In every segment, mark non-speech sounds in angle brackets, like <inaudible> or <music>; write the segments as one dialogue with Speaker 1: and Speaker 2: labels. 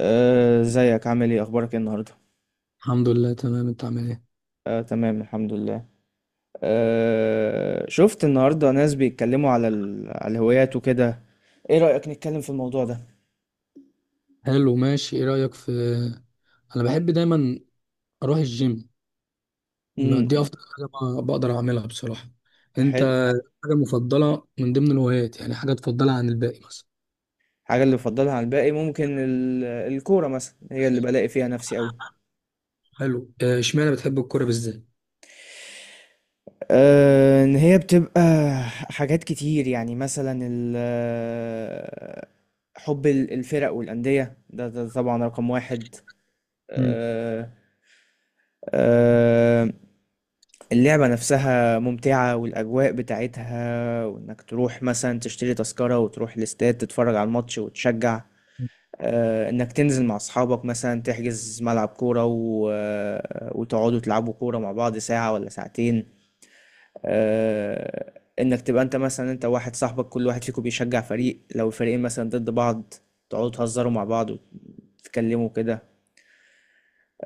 Speaker 1: ازيك عامل ايه اخبارك ايه النهارده؟
Speaker 2: الحمد لله، تمام. انت عامل ايه؟
Speaker 1: تمام الحمد لله. شفت النهارده ناس بيتكلموا على الهوايات وكده، ايه رأيك نتكلم في الموضوع ده؟
Speaker 2: حلو، ماشي. ايه رأيك في انا بحب دايما اروح الجيم. ما
Speaker 1: امم.
Speaker 2: دي افضل حاجة بقدر اعملها بصراحة.
Speaker 1: حلو.
Speaker 2: انت؟ حاجة مفضلة من ضمن الهوايات، يعني حاجة تفضلها عن الباقي مثلا؟
Speaker 1: حاجه اللي بفضلها عن الباقي ممكن الكوره مثلا، هي اللي بلاقي فيها نفسي قوي.
Speaker 2: حلو. اه، اشمعنى بتحب الكورة بالذات؟
Speaker 1: ان هي بتبقى حاجات كتير، يعني مثلا ال... آه، حب الفرق والأندية، ده طبعا رقم واحد.
Speaker 2: مم.
Speaker 1: آه، آه، اللعبة نفسها ممتعة والأجواء بتاعتها، وإنك تروح مثلا تشتري تذكرة وتروح الاستاد تتفرج على الماتش وتشجع. إنك تنزل مع أصحابك مثلا تحجز ملعب كورة و... آه، وتقعدوا تلعبوا كورة مع بعض ساعة ولا ساعتين. آه، إنك تبقى أنت مثلا أنت واحد صاحبك كل واحد فيكم بيشجع فريق، لو الفريقين مثلا ضد بعض تقعدوا تهزروا مع بعض وتتكلموا كده.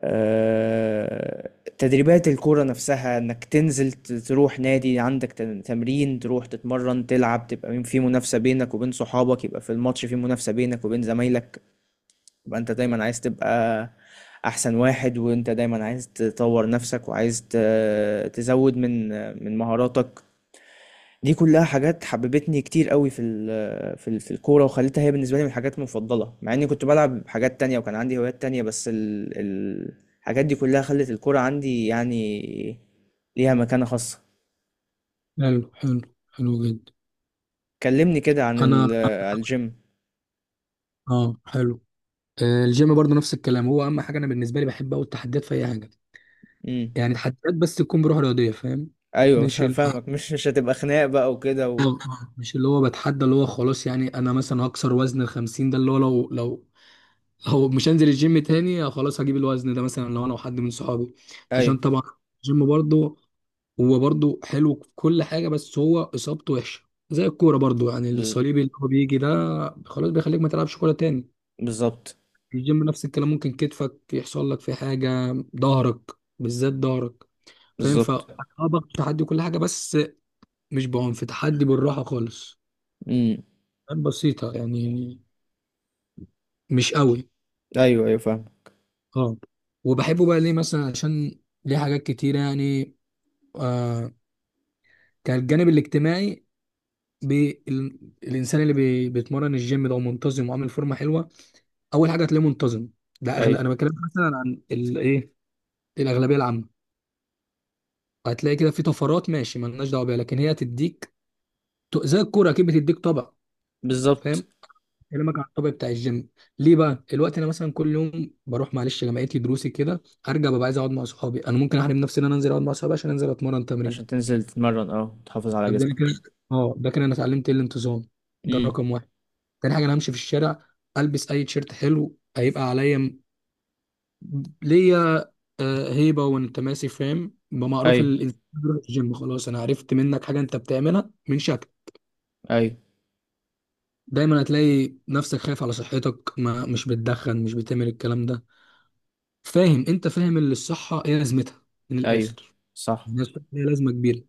Speaker 1: آه، تدريبات الكورة نفسها، انك تنزل تروح نادي عندك تمرين، تروح تتمرن تلعب، تبقى في منافسة بينك وبين صحابك، يبقى في الماتش في منافسة بينك وبين زمايلك، يبقى انت دايما عايز تبقى احسن واحد، وانت دايما عايز تطور نفسك وعايز تزود من من مهاراتك. دي كلها حاجات حببتني كتير قوي في الكوره، وخلتها هي بالنسبه لي من الحاجات المفضله، مع اني كنت بلعب حاجات تانية وكان عندي هوايات تانية، بس الحاجات دي كلها خلت الكوره عندي يعني ليها مكانه خاصه.
Speaker 2: حلو، حلو. حلو جدا.
Speaker 1: كلمني كده عن
Speaker 2: انا.
Speaker 1: عن الجيم.
Speaker 2: اه، حلو. آه، الجيم برضه نفس الكلام، هو اهم حاجه انا بالنسبه لي بحب اوي التحديات في اي حاجه.
Speaker 1: امم.
Speaker 2: يعني تحديات، بس تكون بروح رياضيه، فاهم.
Speaker 1: ايوه
Speaker 2: مش ال-
Speaker 1: فاهمك، مش هتبقى خناق بقى وكده و...
Speaker 2: مش اللي هو بتحدى اللي هو خلاص، يعني انا مثلا هكسر وزن ال 50 ده، اللي هو لو مش هنزل الجيم تاني، خلاص هجيب الوزن ده مثلا لو انا وحد من صحابي. عشان
Speaker 1: ايوه.
Speaker 2: طبعا الجيم برضه، هو برضه حلو في كل حاجة، بس هو إصابته وحشة. زي الكورة برضه، يعني
Speaker 1: بز-
Speaker 2: الصليبي اللي هو بيجي ده خلاص بيخليك ما تلعبش كورة تاني.
Speaker 1: بالظبط.
Speaker 2: الجيم نفس الكلام، ممكن كتفك يحصل لك فيه حاجة، ظهرك، بالذات ظهرك، فاهم. ف
Speaker 1: بالظبط.
Speaker 2: باخد تحدي كل حاجة، بس مش بعنف. تحدي بالراحة خالص،
Speaker 1: امم.
Speaker 2: بسيطة يعني، مش قوي.
Speaker 1: ايوه ايوه فاهم.
Speaker 2: اه. وبحبه بقى ليه؟ مثلا عشان ليه حاجات كتير، يعني آه كان الجانب الاجتماعي. الإنسان اللي بيتمرن الجيم ده ومنتظم وعامل فورمة حلوة، أول حاجة هتلاقيه منتظم. ده أغلى.
Speaker 1: ايوه.
Speaker 2: أنا بتكلم مثلا عن الإيه، الأغلبية العامة. هتلاقي كده في طفرات ماشي، مالناش دعوة بيها، لكن هي تديك. زي الكورة أكيد بتديك طبع، فاهم
Speaker 1: بالظبط.
Speaker 2: كلامك عن الطبيعي بتاع الجيم. ليه بقى الوقت؟ انا مثلا كل يوم بروح معلش جامعتي دروسي كده، ارجع ببقى عايز اقعد مع صحابي. انا ممكن احرم نفسي ان انا انزل اقعد مع صحابي عشان انزل اتمرن تمرين.
Speaker 1: عشان تنزل تتمرن، اه تحافظ على
Speaker 2: طب ده أنا كده.
Speaker 1: جسمك.
Speaker 2: اه، ده كده انا اتعلمت ايه؟ الانتظام، ده
Speaker 1: امم.
Speaker 2: الرقم واحد. تاني حاجه، انا همشي في الشارع البس اي تيشيرت حلو هيبقى عليا. ليا آه، هيبه وانت ماشي، فاهم. ما معروف
Speaker 1: ايوه
Speaker 2: الإنسان بيروح الجيم، خلاص انا عرفت منك حاجه انت بتعملها من شكل.
Speaker 1: ايوه.
Speaker 2: دايما هتلاقي نفسك خايف على صحتك، ما مش بتدخن، مش بتعمل الكلام ده، فاهم. انت فاهم اللي الصحه ايه لازمتها، من
Speaker 1: أيوه.
Speaker 2: الاخر.
Speaker 1: صح.
Speaker 2: يعني الصحه ليها لازمه كبيره.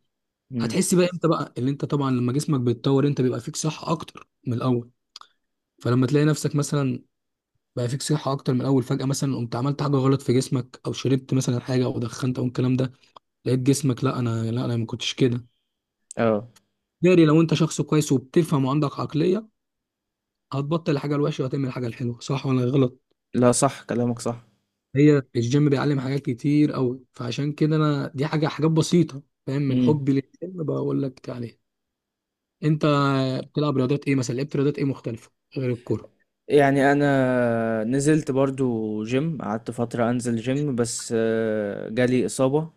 Speaker 1: إمم.
Speaker 2: هتحس بقى امتى؟ بقى اللي انت طبعا لما جسمك بيتطور انت بيبقى فيك صحه اكتر من الاول. فلما تلاقي نفسك مثلا بقى فيك صحه اكتر من الاول، فجاه مثلا قمت عملت حاجه غلط في جسمك، او شربت مثلا حاجه، او دخنت، او الكلام ده، لقيت جسمك، لا انا، لا انا ما كنتش كده.
Speaker 1: آه،
Speaker 2: داري، لو انت شخص كويس وبتفهم وعندك عقليه، هتبطل الحاجه الوحشه وهتعمل الحاجه الحلوه، صح ولا غلط؟
Speaker 1: لا صح، كلامك صح.
Speaker 2: هي الجيم بيعلم حاجات كتير قوي، فعشان كده انا دي حاجه، حاجات بسيطه فاهم من
Speaker 1: إمم.
Speaker 2: حبي للجيم بقول لك عليها. انت بتلعب رياضات ايه مثلا؟ لعبت رياضات ايه مختلفه غير الكوره؟
Speaker 1: يعني أنا نزلت برضه gym، قعدت فترة أنزل gym، بس جالي إصابة.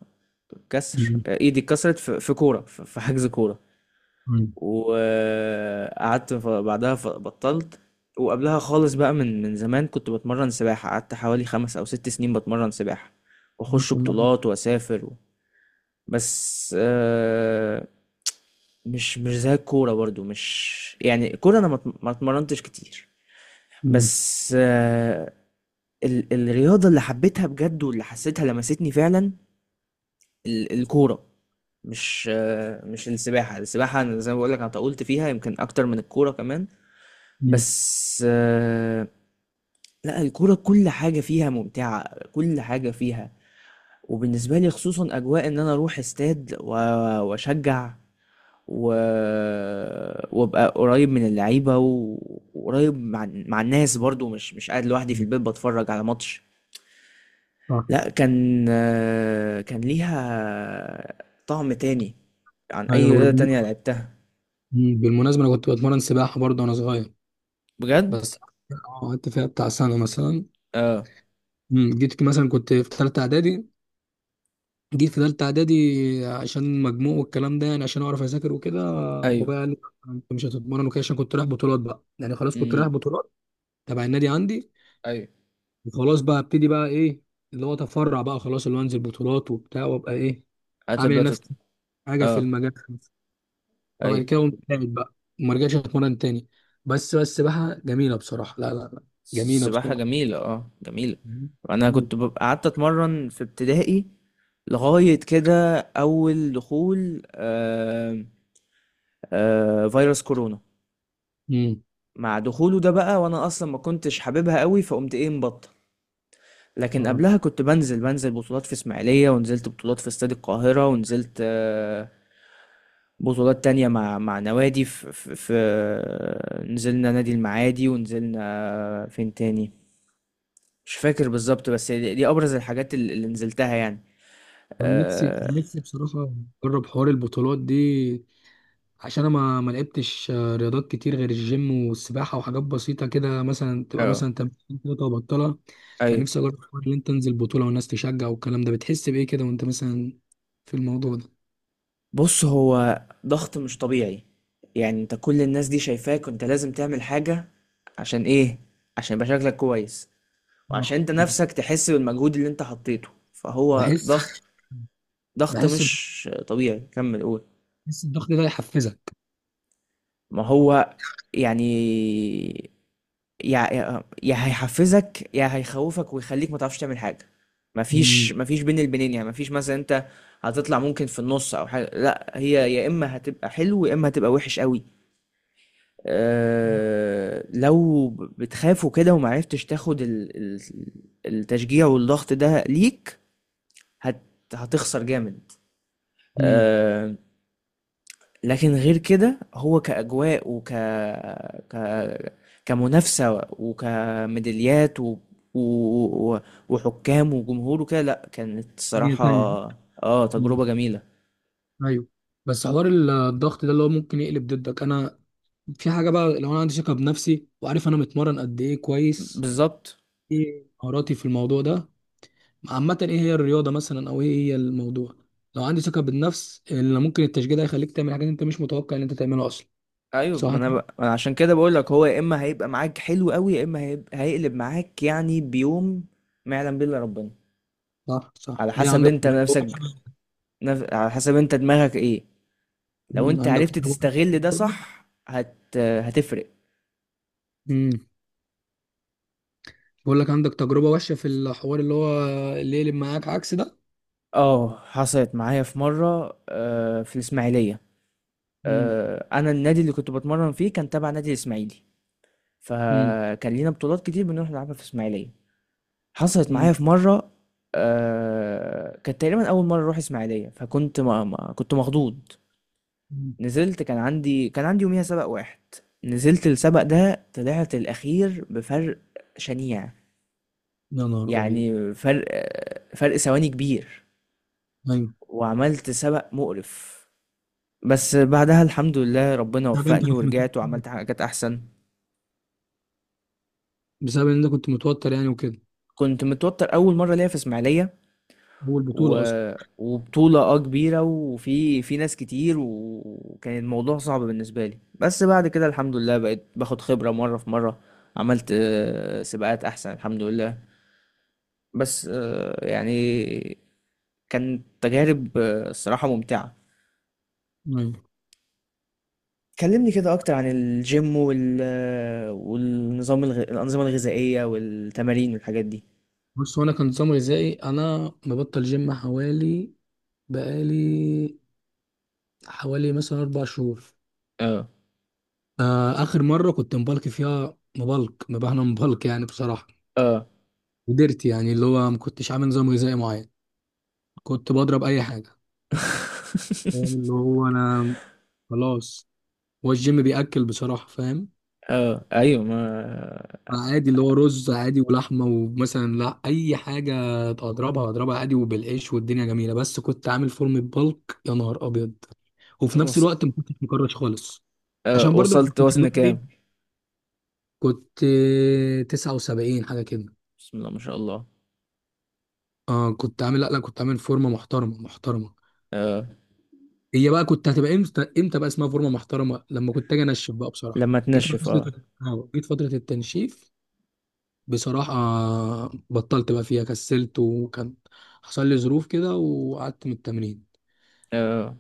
Speaker 1: كسر،
Speaker 2: مم.
Speaker 1: إيدي اتكسرت في كورة، ف في حجز كورة،
Speaker 2: مم.
Speaker 1: وقعدت ف بعدها ف بطلت. وقبلها خالص بقى من من زمان كنت باتمرن سباحة، قعدت حوالي 5 أو 6 سنين باتمرن سباحة، وأخش
Speaker 2: مم.
Speaker 1: بطولات وأسافر و... بس مش زي الكورة برضو، مش يعني الكورة أنا ما اتمرنتش كتير.
Speaker 2: مم.
Speaker 1: بس الرياضة اللي حبيتها بجد واللي حسيتها لمستني فعلا الكورة. مش السباحة، السباحة أنا زي ما بقولك أنا طولت فيها يمكن أكتر من الكورة كمان، بس لا الكورة كل حاجة فيها ممتعة، كل حاجة فيها. وبالنسبة لي خصوصا أجواء إن أنا أروح استاد وأشجع و... وابقى قريب من اللعيبه وقريب مع مع الناس، برضو مش قاعد لوحدي في
Speaker 2: مم.
Speaker 1: البيت بتفرج على ماتش.
Speaker 2: صح.
Speaker 1: لا كان كان ليها طعم تاني عن
Speaker 2: ايوه،
Speaker 1: اي
Speaker 2: انا
Speaker 1: رياضه
Speaker 2: برضه.
Speaker 1: تانية لعبتها.
Speaker 2: مم. بالمناسبه انا كنت بتمرن سباحه برضه وانا صغير،
Speaker 1: بجد.
Speaker 2: بس قعدت فيها بتاع سنه مثلا.
Speaker 1: اه.
Speaker 2: مم. جيت مثلا كنت في ثالثه اعدادي، جيت في تالتة إعدادي، عشان مجموع والكلام ده، يعني عشان أعرف أذاكر وكده.
Speaker 1: ايوه.
Speaker 2: بابايا قال لي أنت مش هتتمرن وكده، عشان كنت رايح بطولات بقى، يعني خلاص كنت رايح
Speaker 1: امم.
Speaker 2: بطولات تبع النادي عندي.
Speaker 1: ايوه.
Speaker 2: وخلاص بقى ابتدي بقى إيه، اللي هو أتفرع بقى خلاص، اللي هو أنزل بطولات وبتاع وأبقى إيه عامل
Speaker 1: هتبدا تت...
Speaker 2: لنفسي حاجة في
Speaker 1: اه.
Speaker 2: المجال. فبعد
Speaker 1: ايوه.
Speaker 2: كده قمت قاعد بقى، وما رجعتش أتمرن تاني. بس بقى جميلة بصراحة. لا لا لا، جميلة
Speaker 1: السباحه
Speaker 2: بصراحة،
Speaker 1: جميله، اه جميله. انا كنت
Speaker 2: جميلة.
Speaker 1: ببقى قعدت اتمرن في ابتدائي لغايه كده اول دخول فيروس كورونا.
Speaker 2: امم.
Speaker 1: مع دخوله ده بقى، وانا اصلا ما كنتش حاببها قوي، فقمت ايه مبطل. لكن
Speaker 2: اه،
Speaker 1: قبلها كنت بنزل بطولات في اسماعيلية، ونزلت بطولات في استاد القاهرة، ونزلت بطولات تانية مع مع نوادي في نزلنا نادي المعادي، ونزلنا فين تاني مش فاكر بالظبط، بس دي أبرز الحاجات اللي نزلتها يعني.
Speaker 2: كان نفسي،
Speaker 1: اه.
Speaker 2: كان نفسي بصراحة أجرب حوار البطولات دي. عشان انا ما لعبتش رياضات كتير غير الجيم والسباحه، وحاجات بسيطه كده، مثلا تبقى
Speaker 1: اه.
Speaker 2: مثلا تمرين كده وبطلها. كان
Speaker 1: ايوه.
Speaker 2: نفسي اجرب الحوار اللي انت تنزل بطوله والناس تشجع والكلام ده، بتحس بايه كده وانت مثلا في الموضوع ده؟
Speaker 1: بص هو ضغط مش طبيعي، يعني انت كل الناس دي شايفاك وانت لازم تعمل حاجة. عشان ايه؟ عشان يبقى شكلك كويس، وعشان
Speaker 2: صح.
Speaker 1: انت نفسك تحس بالمجهود اللي انت حطيته، فهو
Speaker 2: بحس،
Speaker 1: ضغط. ضغط
Speaker 2: بحس،
Speaker 1: مش طبيعي. كمل قول.
Speaker 2: بحس الضغط ده يحفزك.
Speaker 1: ما هو يعني يا هيحفزك يا هيخوفك ويخليك ما تعرفش تعمل حاجة.
Speaker 2: مم.
Speaker 1: مفيش بين البنين، يعني مفيش مثلا انت هتطلع ممكن في النص او حاجة، لا هي يا اما هتبقى حلو يا اما هتبقى وحش قوي. لو بتخاف وكده ومعرفتش تاخد التشجيع والضغط ده ليك، هت هتخسر جامد.
Speaker 2: امم.
Speaker 1: آه، لكن غير كده هو كأجواء وك ك كمنافسة وكميداليات و... و- وحكام وجمهور وكده، لا كانت
Speaker 2: هي
Speaker 1: الصراحة.
Speaker 2: تانية.
Speaker 1: اه
Speaker 2: مم.
Speaker 1: تجربة جميلة.
Speaker 2: ايوه. بس حوار الضغط ده اللي هو ممكن يقلب ضدك، انا في حاجه بقى، لو انا عندي ثقه بنفسي وعارف انا متمرن قد ايه كويس،
Speaker 1: بالظبط.
Speaker 2: ايه مهاراتي في الموضوع ده عامة، ايه هي الرياضة مثلا او ايه هي الموضوع. لو عندي ثقة بالنفس، اللي ممكن التشجيع ده يخليك تعمل حاجات انت مش متوقع ان انت تعملها اصلا.
Speaker 1: ايوه ما
Speaker 2: صح
Speaker 1: انا
Speaker 2: كده.
Speaker 1: أنا عشان كده بقول لك هو يا اما هيبقى معاك حلو قوي، يا اما هيقلب معاك، يعني بيوم ما يعلم به الا ربنا.
Speaker 2: صح، صح.
Speaker 1: على
Speaker 2: ليه،
Speaker 1: حسب
Speaker 2: عندك
Speaker 1: انت
Speaker 2: تجربة
Speaker 1: نفسك
Speaker 2: وحشة؟
Speaker 1: على حسب انت دماغك ايه. لو
Speaker 2: مم،
Speaker 1: انت
Speaker 2: عندك
Speaker 1: عرفت
Speaker 2: تجربة.
Speaker 1: تستغل ده صح هتفرق.
Speaker 2: امم. بقول لك، عندك تجربة وحشة في الحوار اللي هو اللي يقلب معاك عكس ده؟
Speaker 1: اه حصلت معايا في مره، في الاسماعيليه.
Speaker 2: امم.
Speaker 1: انا النادي اللي كنت بتمرن فيه كان تبع نادي الاسماعيلي،
Speaker 2: امم.
Speaker 1: فكان لينا بطولات كتير بنروح نلعبها في الاسماعيليه. حصلت معايا في
Speaker 2: امم.
Speaker 1: مرة، كانت تقريبا أول مرة أروح إسماعيلية، فكنت ما كنت مخضوض.
Speaker 2: أمم.
Speaker 1: نزلت كان عندي يوميها سبق واحد، نزلت السبق ده طلعت الأخير بفرق شنيع.
Speaker 2: يا نهار ابيض.
Speaker 1: يعني فرق ثواني كبير،
Speaker 2: ايوه.
Speaker 1: وعملت سبق مقرف. بس بعدها الحمد لله ربنا
Speaker 2: طب انت
Speaker 1: وفقني
Speaker 2: كنت متوتر؟
Speaker 1: ورجعت وعملت حاجات أحسن.
Speaker 2: بسبب ان انت كنت متوتر يعني وكده،
Speaker 1: كنت متوتر أول مرة ليا في إسماعيلية،
Speaker 2: هو
Speaker 1: و...
Speaker 2: البطولة اصلا.
Speaker 1: وبطولة اه كبيرة، وفي ناس كتير، وكان الموضوع صعب بالنسبة لي، بس بعد كده الحمد لله بقيت باخد خبرة مرة في مرة. عملت سباقات أحسن الحمد لله. بس يعني كانت تجارب الصراحة ممتعة.
Speaker 2: ايوه.
Speaker 1: كلمني كده أكتر عن الجيم وال... آه، والنظام الأنظمة الغذائية والتمارين والحاجات دي.
Speaker 2: بص، هو انا كان نظام غذائي، انا مبطل جيم حوالي، بقالي حوالي مثلا أربع شهور.
Speaker 1: اه.
Speaker 2: آخر مرة كنت مبلك فيها، مبلك مبهنا مبلك يعني بصراحة،
Speaker 1: اه.
Speaker 2: قدرت يعني اللي هو ما كنتش عامل نظام غذائي معين. كنت بضرب أي حاجة، فاهم. اللي
Speaker 1: <laughs>
Speaker 2: هو أنا خلاص، هو الجيم بيأكل بصراحة، فاهم.
Speaker 1: اه ايوه ما
Speaker 2: عادي، اللي هو رز عادي ولحمة ومثلا لا أي حاجة أضربها، أضربها عادي وبالعيش، والدنيا جميلة. بس كنت عامل فورمة بلك، يا نهار أبيض. وفي نفس
Speaker 1: وص...
Speaker 2: الوقت ما كنتش مكرش خالص. عشان
Speaker 1: آه،
Speaker 2: برضه ما
Speaker 1: وصلت
Speaker 2: كنتش اللي
Speaker 1: وزن
Speaker 2: هو
Speaker 1: كام؟
Speaker 2: إيه، كنت 79 حاجة كده.
Speaker 1: بسم الله ما شاء الله.
Speaker 2: اه، كنت عامل، لا لا، كنت عامل فورمه محترمه، محترمه.
Speaker 1: اه.
Speaker 2: هي بقى كنت هتبقى امتى، امتى بقى اسمها فورمه محترمه؟ لما كنت اجي انشف بقى بصراحه،
Speaker 1: لما
Speaker 2: جيت على
Speaker 1: تنشف اه.
Speaker 2: فتره جيت فتره التنشيف بصراحه. بطلت بقى فيها، كسلت، وكان حصل لي ظروف كده وقعدت من التمرين.
Speaker 1: اه.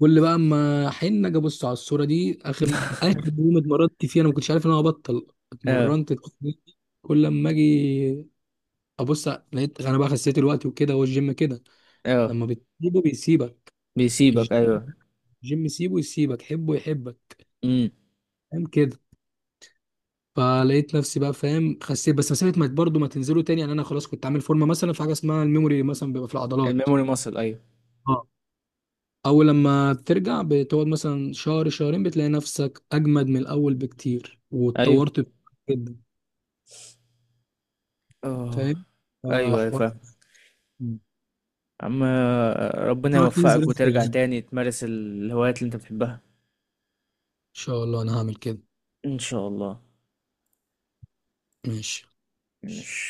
Speaker 2: كل بقى اما حين اجي ابص على الصوره دي، اخر اخر يوم اتمرنت فيه انا ما كنتش عارف ان انا هبطل
Speaker 1: اه.
Speaker 2: اتمرنت التمرين دي. كل لما اجي ابص، لقيت انا بقى خسيت الوقت وكده، والجيم كده
Speaker 1: اه.
Speaker 2: لما بتسيبه بيسيبك.
Speaker 1: بيسيبك ايوه.
Speaker 2: جيم سيبه يسيبك، حبه يحبك،
Speaker 1: امم.
Speaker 2: فاهم كده. فلقيت نفسي بقى فاهم، خسيت، بس مسافه ما برضه ما تنزلوا تاني، يعني انا خلاص كنت عامل فورمه. مثلا في حاجه اسمها الميموري مثلا بيبقى في العضلات.
Speaker 1: الميموري ماسل ايوه.
Speaker 2: اه. اول لما بترجع، بتقعد مثلا شهر شهرين، بتلاقي نفسك اجمد من الاول بكتير،
Speaker 1: ايوه.
Speaker 2: واتطورت جدا،
Speaker 1: اه.
Speaker 2: فاهم.
Speaker 1: ايوه ايوه
Speaker 2: فحوار.
Speaker 1: فاهم. عم ربنا
Speaker 2: تعرف تنزل
Speaker 1: يوفقك
Speaker 2: انت
Speaker 1: وترجع
Speaker 2: تاني. ان
Speaker 1: تاني تمارس الهوايات اللي انت بتحبها.
Speaker 2: شاء الله انا هعمل كده.
Speaker 1: ان شاء الله.
Speaker 2: ماشي.
Speaker 1: ماشي.